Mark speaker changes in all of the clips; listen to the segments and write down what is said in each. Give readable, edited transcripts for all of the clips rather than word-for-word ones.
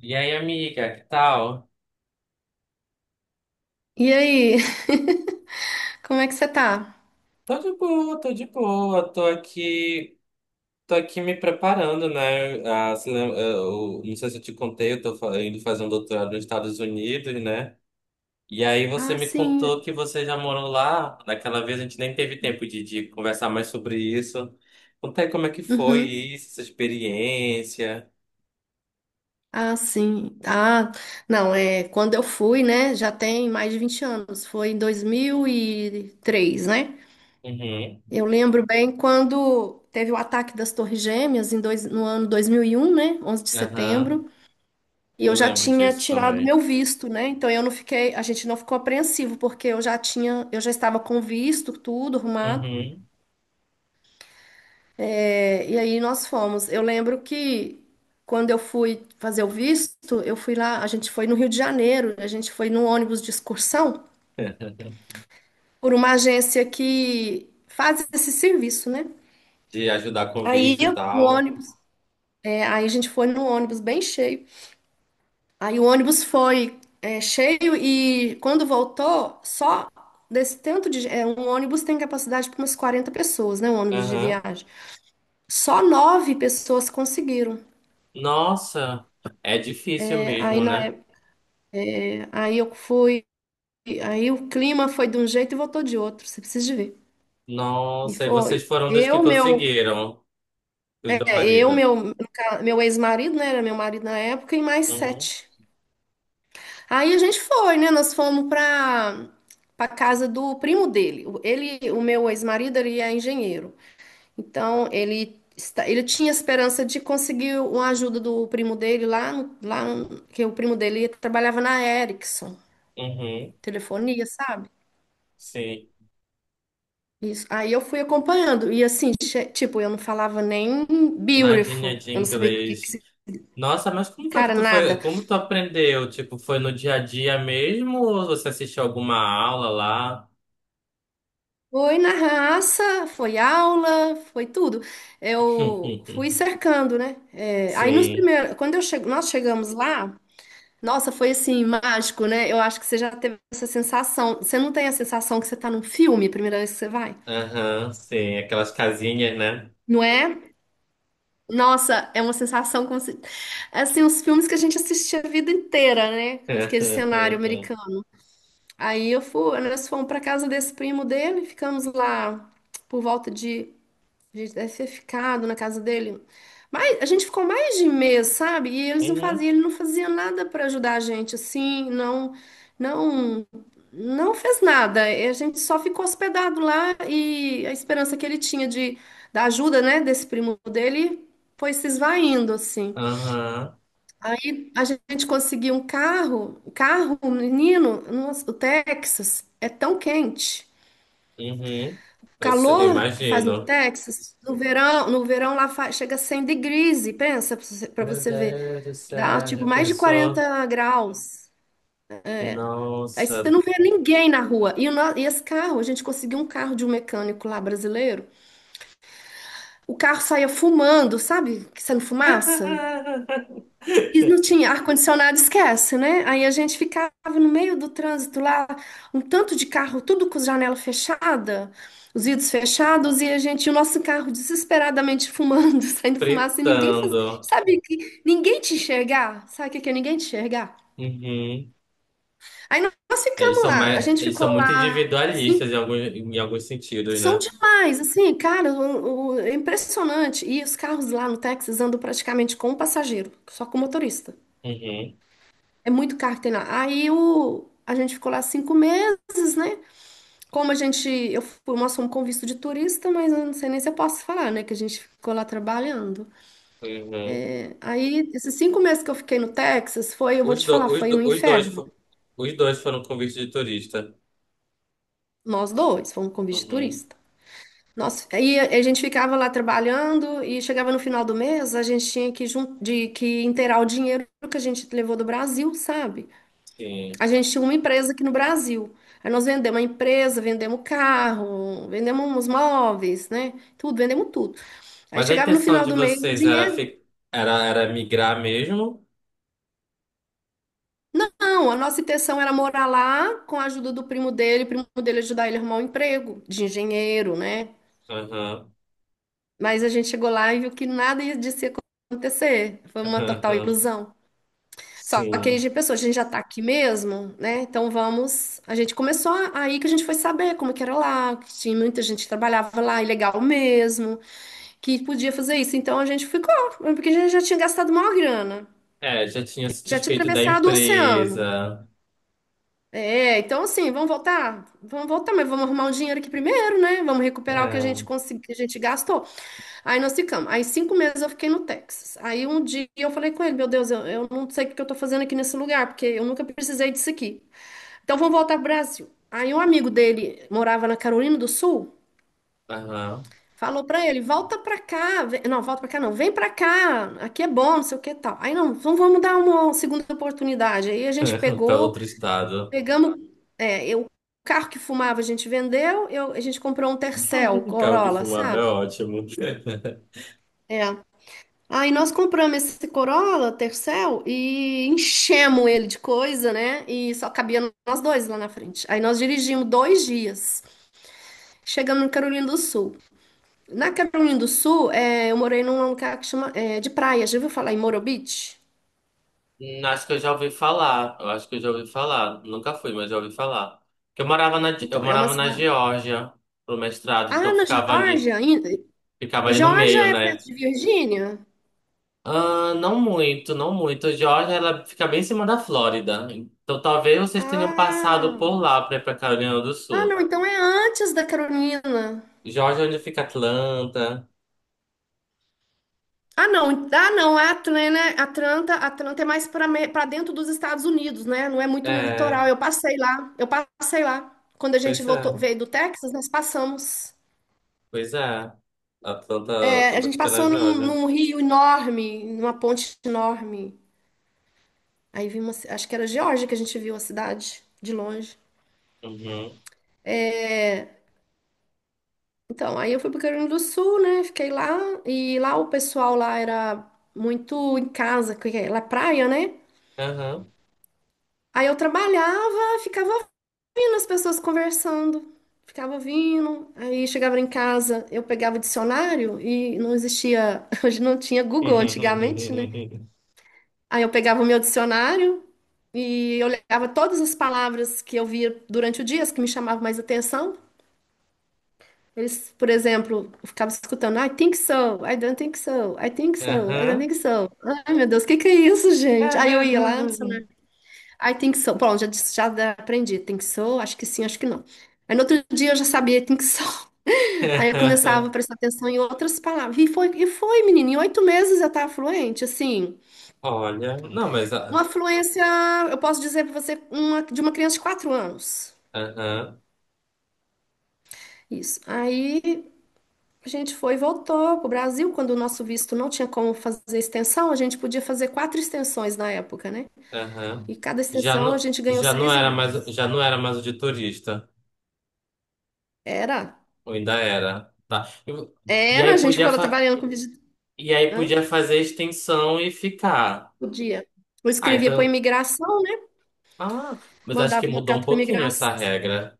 Speaker 1: E aí, amiga, que tal?
Speaker 2: E aí? Como é que você tá?
Speaker 1: Tô de boa, tô de boa, tô aqui me preparando, né? Ah, se lem- eh, eu- não sei se eu te contei, eu tô indo fazer um doutorado nos Estados Unidos, né? E aí você
Speaker 2: Ah,
Speaker 1: me
Speaker 2: sim.
Speaker 1: contou que você já morou lá. Daquela vez a gente nem teve tempo de conversar mais sobre isso. Conta aí como é que foi
Speaker 2: Uhum.
Speaker 1: isso, essa experiência.
Speaker 2: Ah, sim. Ah, não, é quando eu fui, né? Já tem mais de 20 anos. Foi em 2003, né?
Speaker 1: Uhum,
Speaker 2: Eu lembro bem quando teve o ataque das Torres Gêmeas no ano 2001, né? Onze de
Speaker 1: aham,
Speaker 2: setembro. E
Speaker 1: eu
Speaker 2: eu já
Speaker 1: lembro
Speaker 2: tinha
Speaker 1: disso
Speaker 2: tirado meu
Speaker 1: também.
Speaker 2: visto, né? Então eu não fiquei, a gente não ficou apreensivo, porque eu já estava com visto, tudo arrumado.
Speaker 1: Uhum.
Speaker 2: É, e aí nós fomos. Eu lembro que quando eu fui fazer o visto, a gente foi no Rio de Janeiro, a gente foi num ônibus de excursão por uma agência que faz esse serviço, né?
Speaker 1: De ajudar com
Speaker 2: Aí
Speaker 1: visto e
Speaker 2: eu- o
Speaker 1: tal.
Speaker 2: ônibus, é, aí a gente foi num ônibus bem cheio. Aí o ônibus foi cheio e quando voltou, só desse tanto de um ônibus tem capacidade para umas 40 pessoas, né? Um ônibus de
Speaker 1: Aham.
Speaker 2: viagem. Só nove pessoas conseguiram.
Speaker 1: Nossa, é difícil
Speaker 2: É, aí
Speaker 1: mesmo,
Speaker 2: na
Speaker 1: né?
Speaker 2: época, aí eu fui e aí o clima foi de um jeito e voltou de outro, você precisa de ver. E
Speaker 1: Nossa, e
Speaker 2: foi.
Speaker 1: vocês foram dos que
Speaker 2: Eu, meu,
Speaker 1: conseguiram, tu e teu
Speaker 2: é, eu,
Speaker 1: marido.
Speaker 2: meu, no ca- meu ex-marido, né? Era meu marido na época, e mais
Speaker 1: Uhum,
Speaker 2: sete. Aí a gente foi, né? Nós fomos pra casa do primo dele. Ele, o meu ex-marido, ele é engenheiro. Então, ele tinha esperança de conseguir uma ajuda do primo dele lá, que o primo dele trabalhava na Ericsson,
Speaker 1: uhum,
Speaker 2: telefonia, sabe?
Speaker 1: sim.
Speaker 2: Isso. Aí eu fui acompanhando. E assim, tipo, eu não falava nem
Speaker 1: Nadinha
Speaker 2: beautiful.
Speaker 1: de
Speaker 2: Eu não sabia o que que
Speaker 1: inglês.
Speaker 2: se-.
Speaker 1: Nossa, mas como foi que
Speaker 2: Cara,
Speaker 1: tu
Speaker 2: nada.
Speaker 1: foi? Como tu aprendeu? Tipo, foi no dia a dia mesmo ou você assistiu alguma aula lá?
Speaker 2: Foi na raça, foi aula, foi tudo. Eu fui cercando, né? É, aí nos
Speaker 1: Sim,
Speaker 2: primeiros. Nós chegamos lá, nossa, foi assim, mágico, né? Eu acho que você já teve essa sensação. Você não tem a sensação que você tá num filme, a primeira vez que você vai?
Speaker 1: aham, sim. Aquelas casinhas, né?
Speaker 2: Não é? Nossa, é uma sensação como se. Assim, os filmes que a gente assistia a vida inteira, né? Aquele cenário americano. Nós fomos para casa desse primo dele, ficamos lá por volta de, a gente deve ter ficado na casa dele. Mas a gente ficou mais de mês, sabe? E eles não
Speaker 1: Uhum,
Speaker 2: faziam, ele não fazia nada para ajudar a gente assim, não, não, não fez nada. E a gente só ficou hospedado lá e a esperança que ele tinha de da ajuda, né, desse primo dele foi se esvaindo assim.
Speaker 1: aham,
Speaker 2: Aí a gente conseguiu um carro, um menino, nossa, o Texas é tão quente.
Speaker 1: uhum.
Speaker 2: O
Speaker 1: Eu sei, eu
Speaker 2: calor que faz no
Speaker 1: imagino.
Speaker 2: Texas, no verão lá chega a 100 degrees, e pensa para você pra
Speaker 1: Meu
Speaker 2: você ver,
Speaker 1: Deus do
Speaker 2: dá
Speaker 1: céu,
Speaker 2: tipo
Speaker 1: já
Speaker 2: mais de
Speaker 1: pensou?
Speaker 2: 40 graus. Aí você
Speaker 1: Nossa.
Speaker 2: não vê ninguém na rua. E, o no- e esse carro, a gente conseguiu um carro de um mecânico lá brasileiro. O carro saía fumando, sabe? Que saindo fumaça. E não tinha ar-condicionado, esquece, né? Aí a gente ficava no meio do trânsito lá, um tanto de carro, tudo com janela fechada, os vidros fechados, e a gente, o nosso carro desesperadamente fumando, saindo fumaça, e ninguém fazia.
Speaker 1: Fritando.
Speaker 2: Sabe que ninguém te enxergar? Sabe o que que é ninguém te enxergar?
Speaker 1: Uhum.
Speaker 2: Aí nós ficamos lá, a gente
Speaker 1: Eles
Speaker 2: ficou
Speaker 1: são muito
Speaker 2: lá, assim,
Speaker 1: individualistas em alguns sentidos,
Speaker 2: são
Speaker 1: né?
Speaker 2: demais, assim, cara, é impressionante. E os carros lá no Texas andam praticamente com um passageiro, só com o motorista.
Speaker 1: Uhum.
Speaker 2: É muito caro que tem lá. Aí a gente ficou lá 5 meses, né? Como a gente, eu fui, nós fomos com visto de turista, mas eu não sei nem se eu posso falar, né? Que a gente ficou lá trabalhando.
Speaker 1: Uhum.
Speaker 2: Aí, esses 5 meses que eu fiquei no Texas, foi, eu vou
Speaker 1: Os,
Speaker 2: te
Speaker 1: do,
Speaker 2: falar,
Speaker 1: os,
Speaker 2: foi
Speaker 1: do,
Speaker 2: um
Speaker 1: os dois,
Speaker 2: inferno.
Speaker 1: fo- Os dois foram convite de turista.
Speaker 2: Nós dois fomos com visto de
Speaker 1: Uhum.
Speaker 2: turista. Aí a gente ficava lá trabalhando e chegava no final do mês, a gente tinha que inteirar o dinheiro que a gente levou do Brasil, sabe?
Speaker 1: Sim.
Speaker 2: A gente tinha uma empresa aqui no Brasil. Aí nós vendemos a empresa, vendemos o carro, vendemos os móveis, né? Tudo, vendemos tudo. Aí
Speaker 1: Mas a
Speaker 2: chegava no
Speaker 1: intenção
Speaker 2: final
Speaker 1: de
Speaker 2: do mês, o
Speaker 1: vocês era,
Speaker 2: dinheiro.
Speaker 1: era migrar mesmo?
Speaker 2: Não, a nossa intenção era morar lá com a ajuda do primo dele, o primo dele ajudar ele a arrumar um emprego de engenheiro, né?
Speaker 1: Uhum.
Speaker 2: Mas a gente chegou lá e viu que nada ia disso ia acontecer. Foi uma total
Speaker 1: Uhum.
Speaker 2: ilusão. Só que aí a
Speaker 1: Sim.
Speaker 2: gente pensou, a gente já tá aqui mesmo, né? Então vamos. A gente começou aí que a gente foi saber como que era lá, que tinha muita gente que trabalhava lá, ilegal mesmo, que podia fazer isso. Então a gente ficou, porque a gente já tinha gastado maior grana,
Speaker 1: É, já tinha se
Speaker 2: já tinha
Speaker 1: desfeito da
Speaker 2: atravessado o oceano.
Speaker 1: empresa.
Speaker 2: É, então assim, vamos voltar? Vamos voltar, mas vamos arrumar um dinheiro aqui primeiro, né? Vamos recuperar o que a gente
Speaker 1: É,
Speaker 2: conseguiu, que a gente gastou. Aí nós ficamos. Aí 5 meses eu fiquei no Texas. Aí um dia eu falei com ele, meu Deus, eu não sei o que eu tô fazendo aqui nesse lugar, porque eu nunca precisei disso aqui. Então vamos voltar pro Brasil. Aí um amigo dele morava na Carolina do Sul,
Speaker 1: aham.
Speaker 2: falou pra ele, volta pra cá, não, volta pra cá não, vem pra cá, aqui é bom, não sei o que e tal. Aí não, então vamos dar uma segunda oportunidade. Aí a gente
Speaker 1: Para
Speaker 2: pegou,
Speaker 1: outro estado.
Speaker 2: pegamos, o carro que fumava a gente vendeu, a gente comprou um Tercel
Speaker 1: Carro que
Speaker 2: Corolla,
Speaker 1: fumava é
Speaker 2: sabe?
Speaker 1: ótimo.
Speaker 2: É. Aí nós compramos esse Corolla Tercel e enchemos ele de coisa, né? E só cabia nós dois lá na frente. Aí nós dirigimos 2 dias. Chegando em Carolina do Sul. Na Carolina do Sul, é, eu morei num lugar que chama, é, de praia. Já ouviu falar em Moro Beach?
Speaker 1: Acho que eu já ouvi falar. Eu acho que eu já ouvi falar. Nunca fui, mas já ouvi falar. Porque eu
Speaker 2: Então, é uma
Speaker 1: morava na
Speaker 2: cidade.
Speaker 1: Geórgia pro mestrado,
Speaker 2: Ah,
Speaker 1: então
Speaker 2: na Geórgia? Ainda?
Speaker 1: ficava
Speaker 2: E
Speaker 1: ali no meio,
Speaker 2: Geórgia é perto
Speaker 1: né?
Speaker 2: de Virgínia?
Speaker 1: Ah, não muito, não muito. A Geórgia, ela fica bem em cima da Flórida. Então talvez vocês tenham passado por
Speaker 2: Ah,
Speaker 1: lá para ir pra Carolina do
Speaker 2: ah,
Speaker 1: Sul.
Speaker 2: não, então é antes da Carolina.
Speaker 1: Geórgia, é onde fica Atlanta.
Speaker 2: Ah, não, ah, não, é Atlanta, Atlanta é mais para dentro dos Estados Unidos, né? Não é muito no
Speaker 1: É,
Speaker 2: litoral. Eu passei lá, eu passei lá. Quando a gente
Speaker 1: pois é.
Speaker 2: voltou, veio do Texas, nós passamos.
Speaker 1: Pois é. Atlanta,
Speaker 2: É, a
Speaker 1: Atlanta
Speaker 2: gente
Speaker 1: fica na
Speaker 2: passou num,
Speaker 1: Geórgia.
Speaker 2: num rio enorme, numa ponte enorme. Aí vimos, acho que era Geórgia que a gente viu a cidade de longe.
Speaker 1: Uhum.
Speaker 2: Então, aí eu fui pro Rio Grande do Sul, né? Fiquei lá e lá o pessoal lá era muito em casa, que é lá é praia, né?
Speaker 1: Aham.
Speaker 2: Aí eu trabalhava, ficava ouvindo as pessoas conversando, ficava ouvindo. Aí chegava em casa, eu pegava o dicionário e não existia, hoje não tinha Google antigamente, né?
Speaker 1: Uhum.
Speaker 2: Aí eu pegava o meu dicionário e eu olhava todas as palavras que eu via durante o dia, as que me chamavam mais atenção. Eles, por exemplo, eu ficava escutando, I think so, I don't think so, I don't
Speaker 1: Aham.
Speaker 2: think so. Ai, meu Deus, o que que é isso, gente? Aí eu ia lá no dicionário, I think so. Bom, já aprendi, think so, acho que sim, acho que não. Aí no outro dia eu já sabia, think so. Aí eu começava a prestar atenção em outras palavras. E foi, menina, em 8 meses eu estava fluente, assim.
Speaker 1: Olha, não,
Speaker 2: Uma fluência, eu posso dizer para você, uma, de uma criança de 4 anos.
Speaker 1: aham,
Speaker 2: Isso. Aí a gente foi e voltou para o Brasil, quando o nosso visto não tinha como fazer extensão, a gente podia fazer quatro extensões na época, né?
Speaker 1: aham.
Speaker 2: E cada
Speaker 1: Já
Speaker 2: extensão a
Speaker 1: não,
Speaker 2: gente ganhou seis meses.
Speaker 1: já não era mais o de turista,
Speaker 2: Era,
Speaker 1: ou ainda era, tá? E, e
Speaker 2: era, a
Speaker 1: aí
Speaker 2: gente
Speaker 1: podia
Speaker 2: ficou
Speaker 1: fa-
Speaker 2: trabalhando com visita.
Speaker 1: e aí
Speaker 2: Hã?
Speaker 1: podia fazer extensão e ficar.
Speaker 2: Podia. Eu
Speaker 1: Ah,
Speaker 2: escrevia para
Speaker 1: então,
Speaker 2: imigração, né?
Speaker 1: ah, mas acho que
Speaker 2: Mandava uma
Speaker 1: mudou um
Speaker 2: carta para
Speaker 1: pouquinho
Speaker 2: imigração.
Speaker 1: essa regra.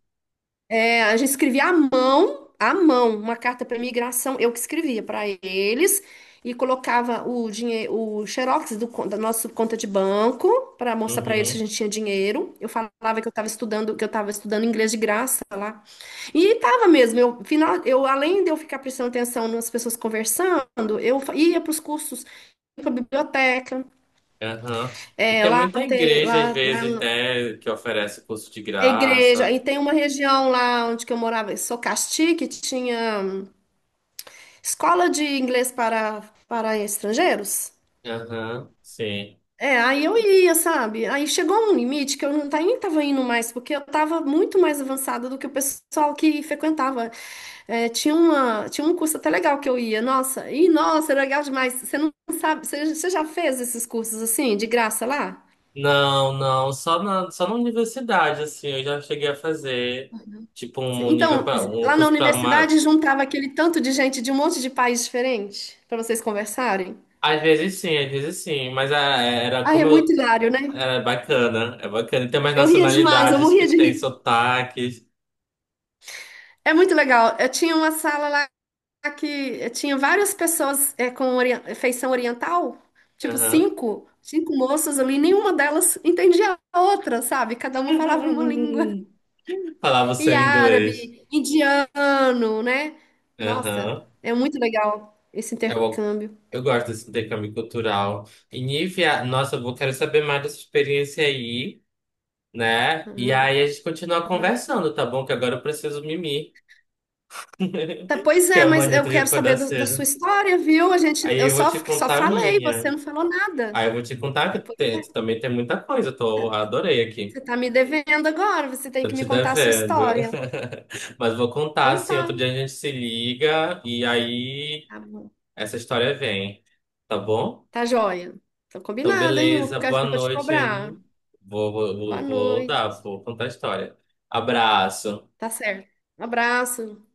Speaker 2: É, a gente escrevia à mão, uma carta para imigração, eu que escrevia para eles e colocava o dinheiro, o xerox da nossa conta de banco para mostrar para eles que a
Speaker 1: Uhum.
Speaker 2: gente tinha dinheiro. Eu falava que eu estava estudando inglês de graça lá. E tava mesmo, eu além de eu ficar prestando atenção nas pessoas conversando, eu ia para os cursos, ia para biblioteca,
Speaker 1: Aham. E tem muita igreja, às
Speaker 2: lá
Speaker 1: vezes, né, que oferece curso de
Speaker 2: na igreja, e
Speaker 1: graça.
Speaker 2: tem uma região lá onde que eu morava, em Socasti, que tinha escola de inglês para estrangeiros?
Speaker 1: Aham, sim.
Speaker 2: É, aí eu ia, sabe? Aí chegou um limite que eu não nem tava indo mais, porque eu tava muito mais avançada do que o pessoal que frequentava. É, tinha um curso até legal que eu ia, nossa, era legal demais. Você não sabe, você já fez esses cursos assim, de graça lá?
Speaker 1: Não, só na universidade, assim, eu já cheguei a fazer, tipo, um nível
Speaker 2: Então,
Speaker 1: para um
Speaker 2: lá na
Speaker 1: curso para uma...
Speaker 2: universidade juntava aquele tanto de gente de um monte de país diferente para vocês conversarem.
Speaker 1: Às vezes sim, mas ah, era
Speaker 2: Ai, é
Speaker 1: como
Speaker 2: muito
Speaker 1: eu...
Speaker 2: hilário, né?
Speaker 1: Era bacana, é bacana. E tem mais
Speaker 2: Eu ria demais, eu
Speaker 1: nacionalidades que
Speaker 2: morria de
Speaker 1: tem
Speaker 2: rir.
Speaker 1: sotaques.
Speaker 2: É muito legal. Eu tinha uma sala lá que tinha várias pessoas com feição oriental, tipo
Speaker 1: Aham.
Speaker 2: cinco moças ali, nenhuma delas entendia a outra, sabe? Cada uma falava uma língua.
Speaker 1: Falava o
Speaker 2: E
Speaker 1: seu inglês.
Speaker 2: árabe, indiano, né? Nossa,
Speaker 1: Aham.
Speaker 2: é muito legal esse
Speaker 1: Eu,
Speaker 2: intercâmbio.
Speaker 1: eu gosto desse intercâmbio cultural. E Nívia, nossa, quero saber mais dessa experiência aí, né? E
Speaker 2: Uhum,
Speaker 1: aí a gente continua
Speaker 2: uhum.
Speaker 1: conversando, tá bom? Que agora eu preciso mimir,
Speaker 2: Tá, pois
Speaker 1: que
Speaker 2: é, mas
Speaker 1: amanhã eu
Speaker 2: eu
Speaker 1: tenho que
Speaker 2: quero saber
Speaker 1: acordar
Speaker 2: da sua
Speaker 1: cedo.
Speaker 2: história, viu? A gente,
Speaker 1: Aí
Speaker 2: eu
Speaker 1: eu vou
Speaker 2: só,
Speaker 1: te
Speaker 2: só
Speaker 1: contar a
Speaker 2: falei, você
Speaker 1: minha.
Speaker 2: não falou nada.
Speaker 1: Aí eu vou te contar que também tem muita coisa, eu tô, adorei
Speaker 2: Você
Speaker 1: aqui.
Speaker 2: tá me devendo agora, você tem
Speaker 1: Tô
Speaker 2: que
Speaker 1: te
Speaker 2: me contar a sua
Speaker 1: devendo.
Speaker 2: história.
Speaker 1: Mas vou contar,
Speaker 2: Então
Speaker 1: assim,
Speaker 2: tá,
Speaker 1: outro dia a gente se liga e aí
Speaker 2: tá bom.
Speaker 1: essa história vem, tá bom?
Speaker 2: Tá joia. Tá
Speaker 1: Então,
Speaker 2: combinado, hein? Eu vou
Speaker 1: beleza.
Speaker 2: ficar, eu
Speaker 1: Boa
Speaker 2: vou te
Speaker 1: noite
Speaker 2: cobrar.
Speaker 1: aí.
Speaker 2: Boa noite.
Speaker 1: Vou contar a história. Abraço.
Speaker 2: Tá certo. Um abraço.